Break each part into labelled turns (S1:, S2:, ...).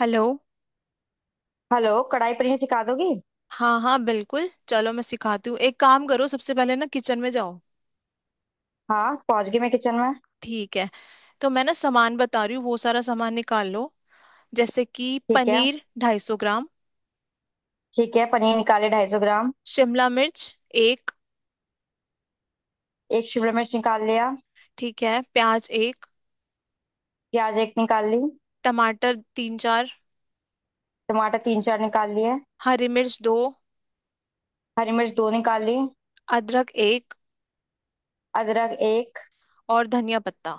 S1: Hello.
S2: Hello, kadai paneer सिखा दोगी?
S1: हाँ हाँ, बिल्कुल चलो, मैं सिखाती हूँ। एक काम करो, सबसे पहले ना किचन में जाओ।
S2: हाँ, पहुंच गई मैं किचन में।
S1: ठीक है। तो मैं ना सामान बता रही हूँ, वो सारा सामान निकाल लो। जैसे कि
S2: ठीक है।
S1: पनीर 250 ग्राम,
S2: ठीक है, पनीर निकाले 250 ग्राम।
S1: शिमला मिर्च एक।
S2: एक शिमला मिर्च निकाल लिया।
S1: ठीक है, प्याज एक,
S2: प्याज एक निकाल ली।
S1: टमाटर तीन चार,
S2: टमाटर तीन चार निकाल लिए।
S1: हरी मिर्च दो,
S2: हरी मिर्च दो निकाल ली।
S1: अदरक एक,
S2: अदरक एक।
S1: और धनिया पत्ता।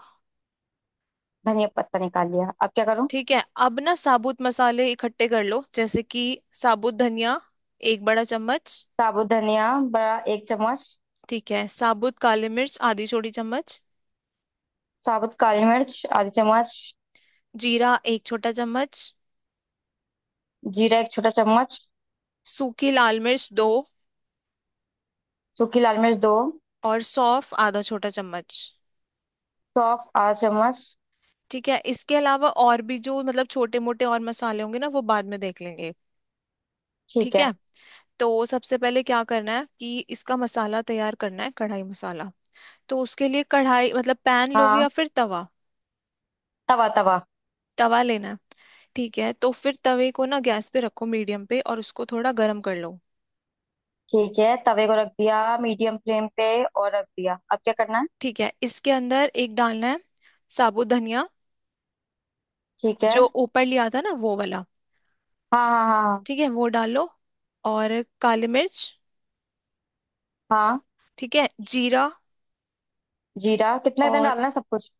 S2: धनिया पत्ता निकाल लिया। अब क्या करूँ?
S1: ठीक है, अब ना साबुत मसाले इकट्ठे कर लो। जैसे कि साबुत धनिया एक बड़ा चम्मच।
S2: साबुत धनिया, बड़ा एक चम्मच।
S1: ठीक है, साबुत काली मिर्च आधी छोटी चम्मच,
S2: साबुत काली मिर्च आधी चम्मच।
S1: जीरा एक छोटा चम्मच,
S2: जीरा एक छोटा चम्मच।
S1: सूखी लाल मिर्च दो,
S2: सूखी लाल मिर्च दो।
S1: और सौंफ आधा छोटा चम्मच।
S2: सौंफ आधा चम्मच।
S1: ठीक है, इसके अलावा और भी जो मतलब छोटे मोटे और मसाले होंगे ना वो बाद में देख लेंगे।
S2: ठीक
S1: ठीक
S2: है।
S1: है। तो सबसे पहले क्या करना है कि इसका मसाला तैयार करना है, कढ़ाई मसाला। तो उसके लिए कढ़ाई मतलब पैन लोगे
S2: हाँ,
S1: या फिर तवा?
S2: तवा तवा।
S1: तवा लेना है। ठीक है, तो फिर तवे को ना गैस पे रखो मीडियम पे, और उसको थोड़ा गर्म कर लो।
S2: ठीक है, तवे को रख दिया मीडियम फ्लेम पे और रख दिया। अब क्या करना?
S1: ठीक है, इसके अंदर एक डालना है साबुत धनिया,
S2: ठीक है।
S1: जो ऊपर लिया था ना वो वाला।
S2: हाँ, हाँ, हाँ,
S1: ठीक है, वो डालो। और काली मिर्च।
S2: हाँ, हाँ।
S1: ठीक है, जीरा
S2: जीरा कितना कितना
S1: और
S2: डालना है, सब कुछ?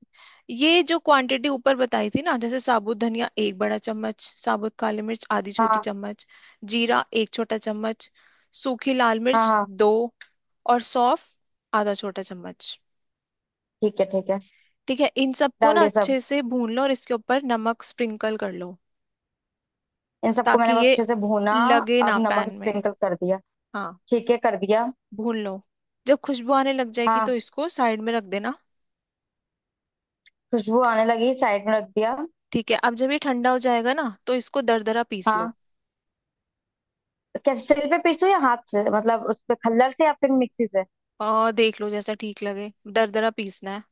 S1: ये जो क्वांटिटी ऊपर बताई थी ना, जैसे साबुत धनिया एक बड़ा चम्मच, साबुत काली मिर्च आधी छोटी
S2: हाँ,
S1: चम्मच, जीरा एक छोटा चम्मच, सूखी लाल
S2: हाँ,
S1: मिर्च
S2: हाँ।
S1: दो, और सौंफ आधा छोटा चम्मच।
S2: ठीक है, ठीक है।
S1: ठीक है, इन सबको
S2: डाल
S1: ना
S2: दिया सब।
S1: अच्छे से भून लो, और इसके ऊपर नमक स्प्रिंकल कर लो
S2: इन सबको मैंने
S1: ताकि
S2: अब
S1: ये
S2: अच्छे से भूना।
S1: लगे
S2: अब
S1: ना
S2: नमक
S1: पैन में।
S2: स्प्रिंकल कर दिया।
S1: हाँ,
S2: ठीक है, कर दिया।
S1: भून लो। जब खुशबू आने लग जाएगी
S2: हाँ।
S1: तो इसको साइड में रख देना।
S2: खुशबू आने लगी, साइड में रख दिया।
S1: ठीक है, अब जब ये ठंडा हो जाएगा ना तो इसको दरदरा पीस लो।
S2: हाँ। कैसे, सिल पे पीसूं या हाथ से, मतलब उस पे खल्लर से, या फिर मिक्सी से?
S1: और देख लो जैसा ठीक लगे, दरदरा पीसना है।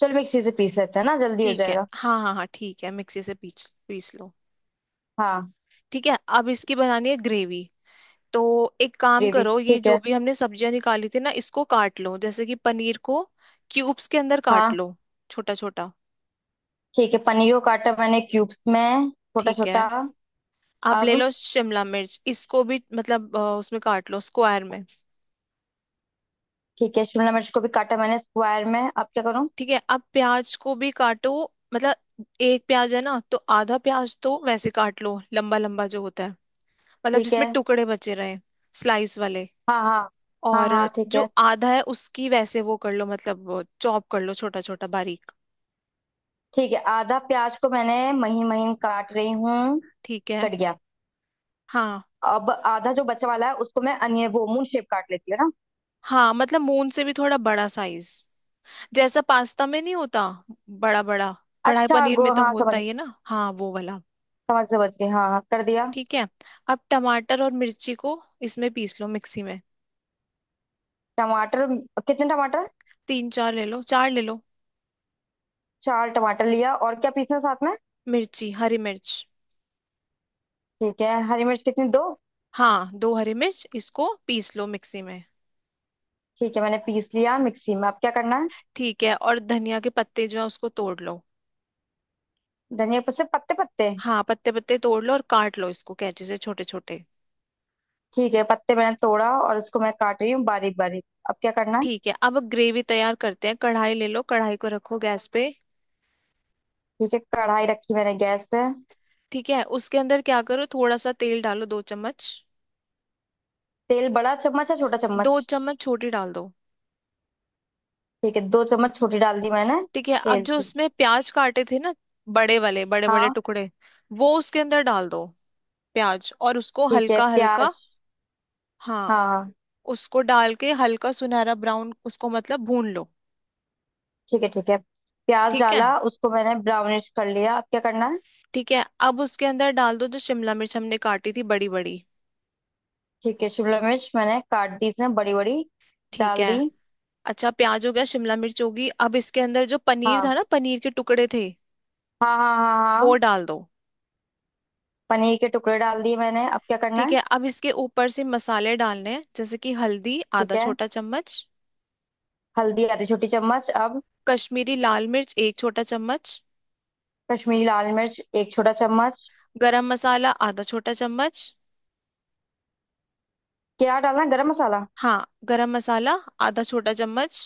S2: चल मिक्सी से पीस लेते हैं ना, जल्दी हो
S1: ठीक है,
S2: जाएगा।
S1: हाँ हाँ हाँ, ठीक है, मिक्सी से पीस पीस लो।
S2: हाँ।
S1: ठीक है, अब इसकी बनानी है ग्रेवी। तो एक काम
S2: ग्रेवी,
S1: करो, ये
S2: ठीक
S1: जो
S2: है।
S1: भी हमने सब्जियां निकाली थी ना इसको काट लो, जैसे कि पनीर को क्यूब्स के अंदर काट
S2: हाँ।
S1: लो, छोटा छोटा।
S2: ठीक है, पनीर को काटा मैंने क्यूब्स में, छोटा
S1: ठीक है,
S2: छोटा।
S1: अब ले
S2: अब,
S1: लो शिमला मिर्च, इसको भी मतलब उसमें काट लो स्क्वायर में।
S2: ठीक है, शिमला मिर्च को भी काटा मैंने स्क्वायर में। अब क्या करूँ?
S1: ठीक है, अब प्याज को भी काटो। मतलब एक प्याज है ना तो आधा प्याज तो वैसे काट लो लंबा लंबा जो होता है, मतलब
S2: ठीक है।
S1: जिसमें टुकड़े बचे रहे, स्लाइस वाले।
S2: हाँ, हाँ, हाँ,
S1: और
S2: हाँ, ठीक
S1: जो
S2: है।
S1: आधा है उसकी वैसे वो कर लो, मतलब चॉप कर लो छोटा छोटा बारीक।
S2: ठीक है, आधा प्याज को मैंने महीन महीन काट रही हूँ।
S1: ठीक है।
S2: कट गया।
S1: हाँ
S2: अब आधा जो बचा वाला है, उसको मैं अनियन, वो मून शेप काट लेती है ना।
S1: हाँ, मतलब मून से भी थोड़ा बड़ा साइज, जैसा पास्ता में नहीं होता, बड़ा बड़ा। कढ़ाई
S2: अच्छा,
S1: पनीर में
S2: गो
S1: तो
S2: हाँ समझ,
S1: होता ही है ना, हाँ वो वाला।
S2: समझ समझ गई, हाँ हाँ कर दिया।
S1: ठीक है, अब टमाटर और मिर्ची को इसमें पीस लो मिक्सी में।
S2: टमाटर, कितने टमाटर?
S1: तीन चार ले लो, चार ले लो।
S2: चार टमाटर लिया, और क्या पीसना साथ में?
S1: मिर्ची, हरी मिर्च।
S2: ठीक है, हरी मिर्च कितनी, दो?
S1: हाँ, दो हरी मिर्च, इसको पीस लो मिक्सी में।
S2: ठीक है, मैंने पीस लिया मिक्सी में। अब क्या करना है?
S1: ठीक है, और धनिया के पत्ते जो है उसको तोड़ लो।
S2: धनिया पत्ते, पत्ते, पत्ते।
S1: हाँ, पत्ते पत्ते तोड़ लो और काट लो इसको कैंची से छोटे छोटे।
S2: ठीक है, पत्ते मैंने तोड़ा और इसको मैं काट रही हूँ बारीक बारीक। अब क्या करना है?
S1: ठीक है, अब ग्रेवी तैयार करते हैं। कढ़ाई ले लो, कढ़ाई को रखो गैस पे।
S2: ठीक है, कढ़ाई रखी मैंने गैस पे।
S1: ठीक है, उसके अंदर क्या करो, थोड़ा सा तेल डालो, दो चम्मच।
S2: तेल बड़ा चम्मच या छोटा
S1: दो
S2: चम्मच?
S1: चम्मच छोटी डाल दो।
S2: ठीक है, दो चम्मच छोटी डाल दी मैंने।
S1: ठीक है, अब
S2: तेल
S1: जो
S2: की।
S1: उसमें प्याज काटे थे ना, बड़े वाले, बड़े बड़े
S2: हाँ।
S1: टुकड़े, वो उसके अंदर डाल दो। प्याज, और उसको
S2: ठीक है,
S1: हल्का हल्का,
S2: प्याज।
S1: हाँ
S2: हाँ, हाँ,
S1: उसको डाल के हल्का सुनहरा ब्राउन उसको मतलब भून लो।
S2: ठीक है, ठीक है। प्याज
S1: ठीक है,
S2: डाला, उसको मैंने ब्राउनिश कर लिया। अब क्या करना है?
S1: ठीक है। अब उसके अंदर डाल दो जो शिमला मिर्च हमने काटी थी बड़ी बड़ी।
S2: ठीक है, शिमला मिर्च मैंने काट दी इसमें बड़ी बड़ी।
S1: ठीक
S2: डाल
S1: है,
S2: दी।
S1: अच्छा प्याज हो गया, शिमला मिर्च होगी, अब इसके अंदर जो पनीर
S2: हाँ,
S1: था ना, पनीर के टुकड़े थे
S2: हाँ, हाँ, हाँ,
S1: वो
S2: हाँ।
S1: डाल दो।
S2: पनीर के टुकड़े डाल दिए मैंने। अब क्या करना
S1: ठीक
S2: है?
S1: है, अब इसके ऊपर से मसाले डालने हैं, जैसे कि हल्दी
S2: ठीक
S1: आधा
S2: है,
S1: छोटा चम्मच,
S2: हल्दी आधी छोटी चम्मच, अब।
S1: कश्मीरी लाल मिर्च एक छोटा चम्मच,
S2: कश्मीरी लाल मिर्च एक छोटा चम्मच।
S1: गरम मसाला आधा छोटा चम्मच।
S2: क्या डालना है, गरम मसाला?
S1: हाँ गरम मसाला आधा छोटा चम्मच।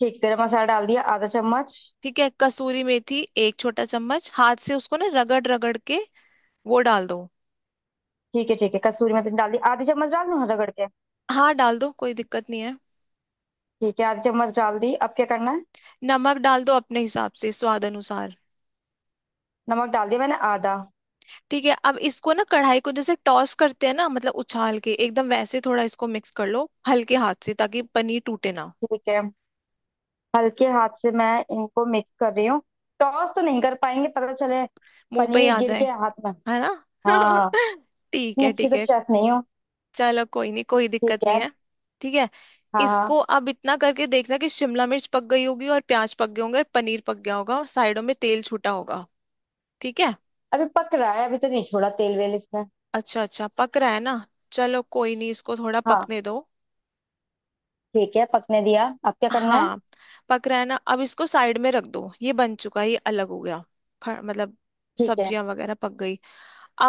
S2: ठीक, गरम मसाला डाल दिया आधा चम्मच।
S1: ठीक है, कसूरी मेथी एक छोटा चम्मच हाथ से उसको ना रगड़ रगड़ के वो डाल दो।
S2: ठीक है, ठीक है, कसूरी मेथी डाल दी, आधी चम्मच डाल दूं? हाँ, रगड़ के।
S1: हाँ डाल दो, कोई दिक्कत नहीं है।
S2: ठीक है, आधी चम्मच डाल दी। अब क्या करना है?
S1: नमक डाल दो अपने हिसाब से, स्वाद अनुसार।
S2: नमक डाल दिया मैंने आधा।
S1: ठीक है, अब इसको ना कढ़ाई को जैसे टॉस करते हैं ना, मतलब उछाल के एकदम वैसे, थोड़ा इसको मिक्स कर लो हल्के हाथ से ताकि पनीर टूटे ना,
S2: ठीक है, हल्के हाथ से मैं इनको मिक्स कर रही हूँ। टॉस तो नहीं कर पाएंगे, पता चले।
S1: मुंह पे ही
S2: पनीर
S1: आ
S2: गिर
S1: जाए,
S2: के हाथ में।
S1: है ना।
S2: हाँ।
S1: ठीक
S2: इतनी
S1: है,
S2: अच्छी
S1: ठीक
S2: तो
S1: है।
S2: शेफ नहीं हो।
S1: चलो कोई नहीं, कोई दिक्कत
S2: ठीक
S1: नहीं
S2: है।
S1: है। ठीक है,
S2: हाँ, हाँ।
S1: इसको अब इतना करके देखना कि शिमला मिर्च पक गई होगी और प्याज पक गए होंगे और पनीर पक गया होगा और साइडों में तेल छूटा होगा। ठीक है।
S2: अभी पक रहा है, अभी तो नहीं छोड़ा तेल वेल इसमें।
S1: अच्छा अच्छा, पक रहा है ना, चलो कोई नहीं, इसको थोड़ा
S2: हाँ।
S1: पकने दो।
S2: ठीक है, पकने दिया। अब क्या करना है?
S1: हाँ, पक रहा है ना, अब इसको साइड में रख दो, ये बन चुका है, ये अलग हो गया। मतलब
S2: ठीक है।
S1: सब्जियां वगैरह पक गई।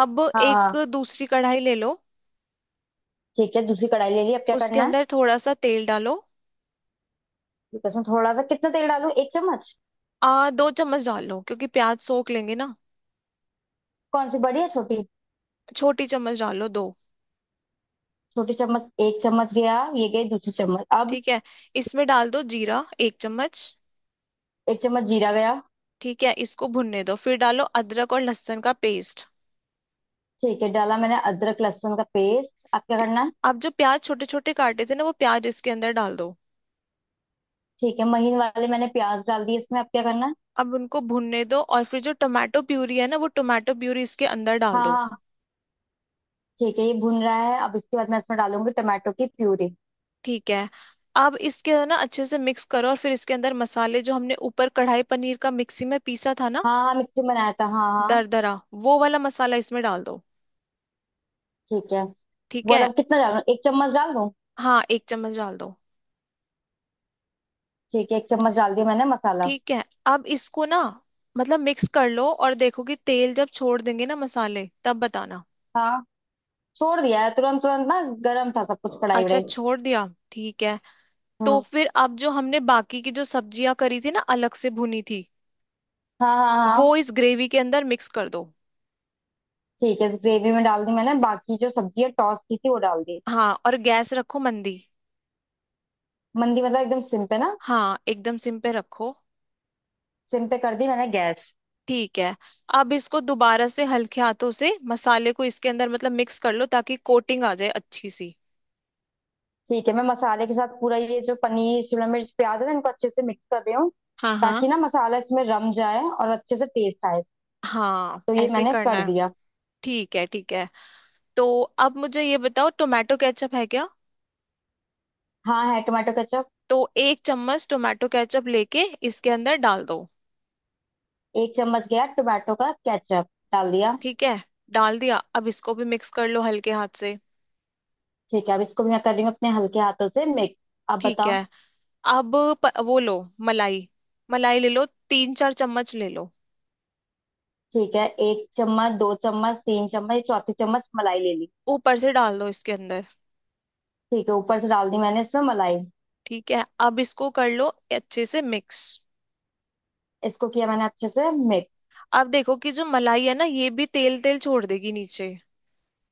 S1: अब
S2: हाँ,
S1: एक
S2: हाँ।
S1: दूसरी कढ़ाई ले लो।
S2: ठीक है, दूसरी कढ़ाई ले ली। अब क्या
S1: उसके
S2: करना है?
S1: अंदर थोड़ा सा तेल डालो,
S2: ठीक है, उसमें थोड़ा सा, कितना तेल डालूं, एक चम्मच?
S1: आ दो चम्मच डाल लो, क्योंकि प्याज सोख लेंगे ना।
S2: कौन सी, बड़ी है छोटी?
S1: छोटी चम्मच डाल लो दो।
S2: छोटी चम्मच, एक चम्मच गया, ये गई दूसरी चम्मच। अब,
S1: ठीक है, इसमें डाल दो जीरा एक चम्मच।
S2: एक चम्मच जीरा गया।
S1: ठीक है, इसको भुनने दो, फिर डालो अदरक और लहसुन का पेस्ट।
S2: ठीक है, डाला मैंने अदरक लहसुन का पेस्ट। अब क्या करना
S1: ठीक।
S2: है?
S1: आप जो प्याज छोटे छोटे काटे थे ना, वो प्याज इसके अंदर डाल दो।
S2: ठीक है, महीन वाले मैंने प्याज डाल दी इसमें। अब क्या करना है?
S1: अब उनको भुनने दो, और फिर जो टोमेटो प्यूरी है ना वो टोमेटो प्यूरी इसके अंदर डाल
S2: हाँ,
S1: दो।
S2: हाँ, ठीक है, ये भुन रहा है। अब इसके बाद मैं इसमें डालूंगी टमाटो की प्यूरी।
S1: ठीक है, अब इसके ना अच्छे से मिक्स करो, और फिर इसके अंदर मसाले जो हमने ऊपर कढ़ाई पनीर का मिक्सी में पीसा था ना,
S2: हाँ, हाँ, मिक्सी में बनाया था, हाँ, हाँ।
S1: दरदरा, वो वाला मसाला इसमें डाल दो।
S2: ठीक है,
S1: ठीक
S2: बोला,
S1: है,
S2: अब कितना डालूं, एक चम्मच डाल दूं?
S1: हाँ एक चम्मच डाल दो।
S2: ठीक है, एक चम्मच डाल दिया मैंने मसाला।
S1: ठीक है, अब इसको ना मतलब मिक्स कर लो, और देखो कि तेल जब छोड़ देंगे ना मसाले, तब बताना।
S2: हाँ, छोड़ दिया है तुरंत तुरंत ना। गर्म था सब कुछ, कढ़ाई
S1: अच्छा
S2: वढ़ाई।
S1: छोड़ दिया। ठीक है, तो
S2: हम्म।
S1: फिर अब जो हमने बाकी की जो सब्जियां करी थी ना अलग से भुनी थी,
S2: हाँ, हाँ, हाँ,
S1: वो इस ग्रेवी के अंदर मिक्स कर दो।
S2: ठीक है, ग्रेवी में डाल दी मैंने, बाकी जो सब्जी है टॉस की थी, वो डाल दी।
S1: हाँ, और गैस रखो मंदी।
S2: मंदी मतलब एकदम सिम पे ना?
S1: हाँ एकदम सिम पे रखो।
S2: सिम पे कर दी मैंने गैस।
S1: ठीक है, अब इसको दोबारा से हल्के हाथों से मसाले को इसके अंदर मतलब मिक्स कर लो ताकि कोटिंग आ जाए अच्छी सी।
S2: ठीक है, मैं मसाले के साथ पूरा ये जो पनीर, शिमला मिर्च, प्याज है ना, इनको अच्छे से मिक्स कर रही हूँ।
S1: हाँ हाँ
S2: ताकि ना मसाला इसमें रम जाए और अच्छे से टेस्ट आए।
S1: हाँ
S2: तो ये
S1: ऐसे
S2: मैंने
S1: करना
S2: कर
S1: है।
S2: दिया।
S1: ठीक है, ठीक है। तो अब मुझे ये बताओ, टोमेटो केचप है क्या?
S2: हाँ, है टोमेटो केचप।
S1: तो एक चम्मच टोमेटो केचप लेके इसके अंदर डाल दो।
S2: एक चम्मच गया टोमेटो का केचप डाल दिया।
S1: ठीक है, डाल दिया, अब इसको भी मिक्स कर लो हल्के हाथ से।
S2: ठीक है, अब इसको भी मैं कर रही हूँ अपने हल्के हाथों से मिक्स। अब
S1: ठीक
S2: बताओ।
S1: है, अब वो लो, मलाई, मलाई ले लो, तीन चार चम्मच ले लो।
S2: ठीक है, एक चम्मच, दो चम्मच, तीन चम्मच, चौथी चम्मच मलाई ले ली।
S1: ऊपर से डाल दो इसके अंदर।
S2: ठीक है, ऊपर से डाल दी मैंने इसमें मलाई।
S1: ठीक है, अब इसको कर लो अच्छे से मिक्स।
S2: इसको किया मैंने अच्छे से मिक्स।
S1: अब देखो कि जो मलाई है ना ये भी तेल तेल छोड़ देगी नीचे,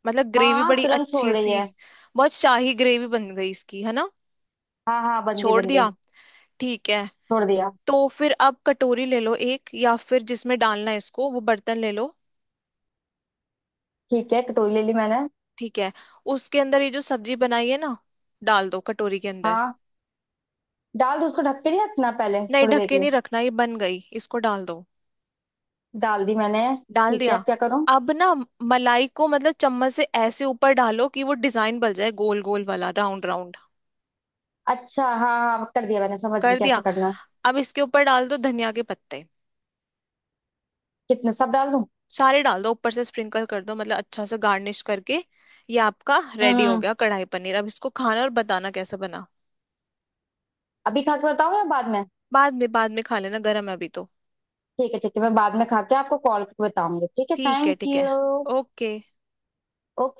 S1: मतलब
S2: हाँ,
S1: ग्रेवी
S2: हाँ,
S1: बड़ी
S2: तुरंत छोड़
S1: अच्छी
S2: रही
S1: सी।
S2: है।
S1: बहुत शाही ग्रेवी बन गई इसकी, है ना।
S2: हाँ, हाँ, बन गई,
S1: छोड़
S2: बन
S1: दिया।
S2: गई।
S1: ठीक है,
S2: छोड़ दिया।
S1: तो फिर अब कटोरी ले लो एक, या फिर जिसमें डालना है इसको वो बर्तन ले लो।
S2: ठीक है, कटोरी ले ली मैंने।
S1: ठीक है, उसके अंदर ये जो सब्जी बनाई है ना, डाल दो कटोरी के अंदर।
S2: हाँ। डाल दो उसको, ढक के नहीं रखना पहले
S1: नहीं
S2: थोड़ी
S1: ढक
S2: देर के
S1: के
S2: लिए?
S1: नहीं रखना, ये बन गई, इसको डाल दो।
S2: डाल दी मैंने।
S1: डाल
S2: ठीक
S1: दिया।
S2: है, अब क्या करूं?
S1: अब ना मलाई को मतलब चम्मच से ऐसे ऊपर डालो कि वो डिजाइन बन जाए, गोल गोल वाला, राउंड राउंड।
S2: अच्छा, हाँ हाँ, कर दिया मैंने, समझ गई
S1: कर
S2: कैसे
S1: दिया।
S2: करना है।
S1: अब इसके ऊपर डाल दो धनिया के पत्ते,
S2: कितने, सब डाल दूं?
S1: सारे डाल दो, ऊपर से स्प्रिंकल कर दो, मतलब अच्छा सा गार्निश करके। ये आपका
S2: हम्म,
S1: रेडी हो
S2: हम्म।
S1: गया कढ़ाई पनीर। अब इसको खाना और बताना कैसे बना।
S2: अभी खा के बताऊं या बाद में?
S1: बाद में, बाद में खा लेना, गर्म है अभी तो।
S2: ठीक है, ठीक है, मैं बाद में खा के आपको कॉल करके बताऊंगी, ठीक है,
S1: ठीक है,
S2: थैंक
S1: ठीक है।
S2: यू।
S1: ओके।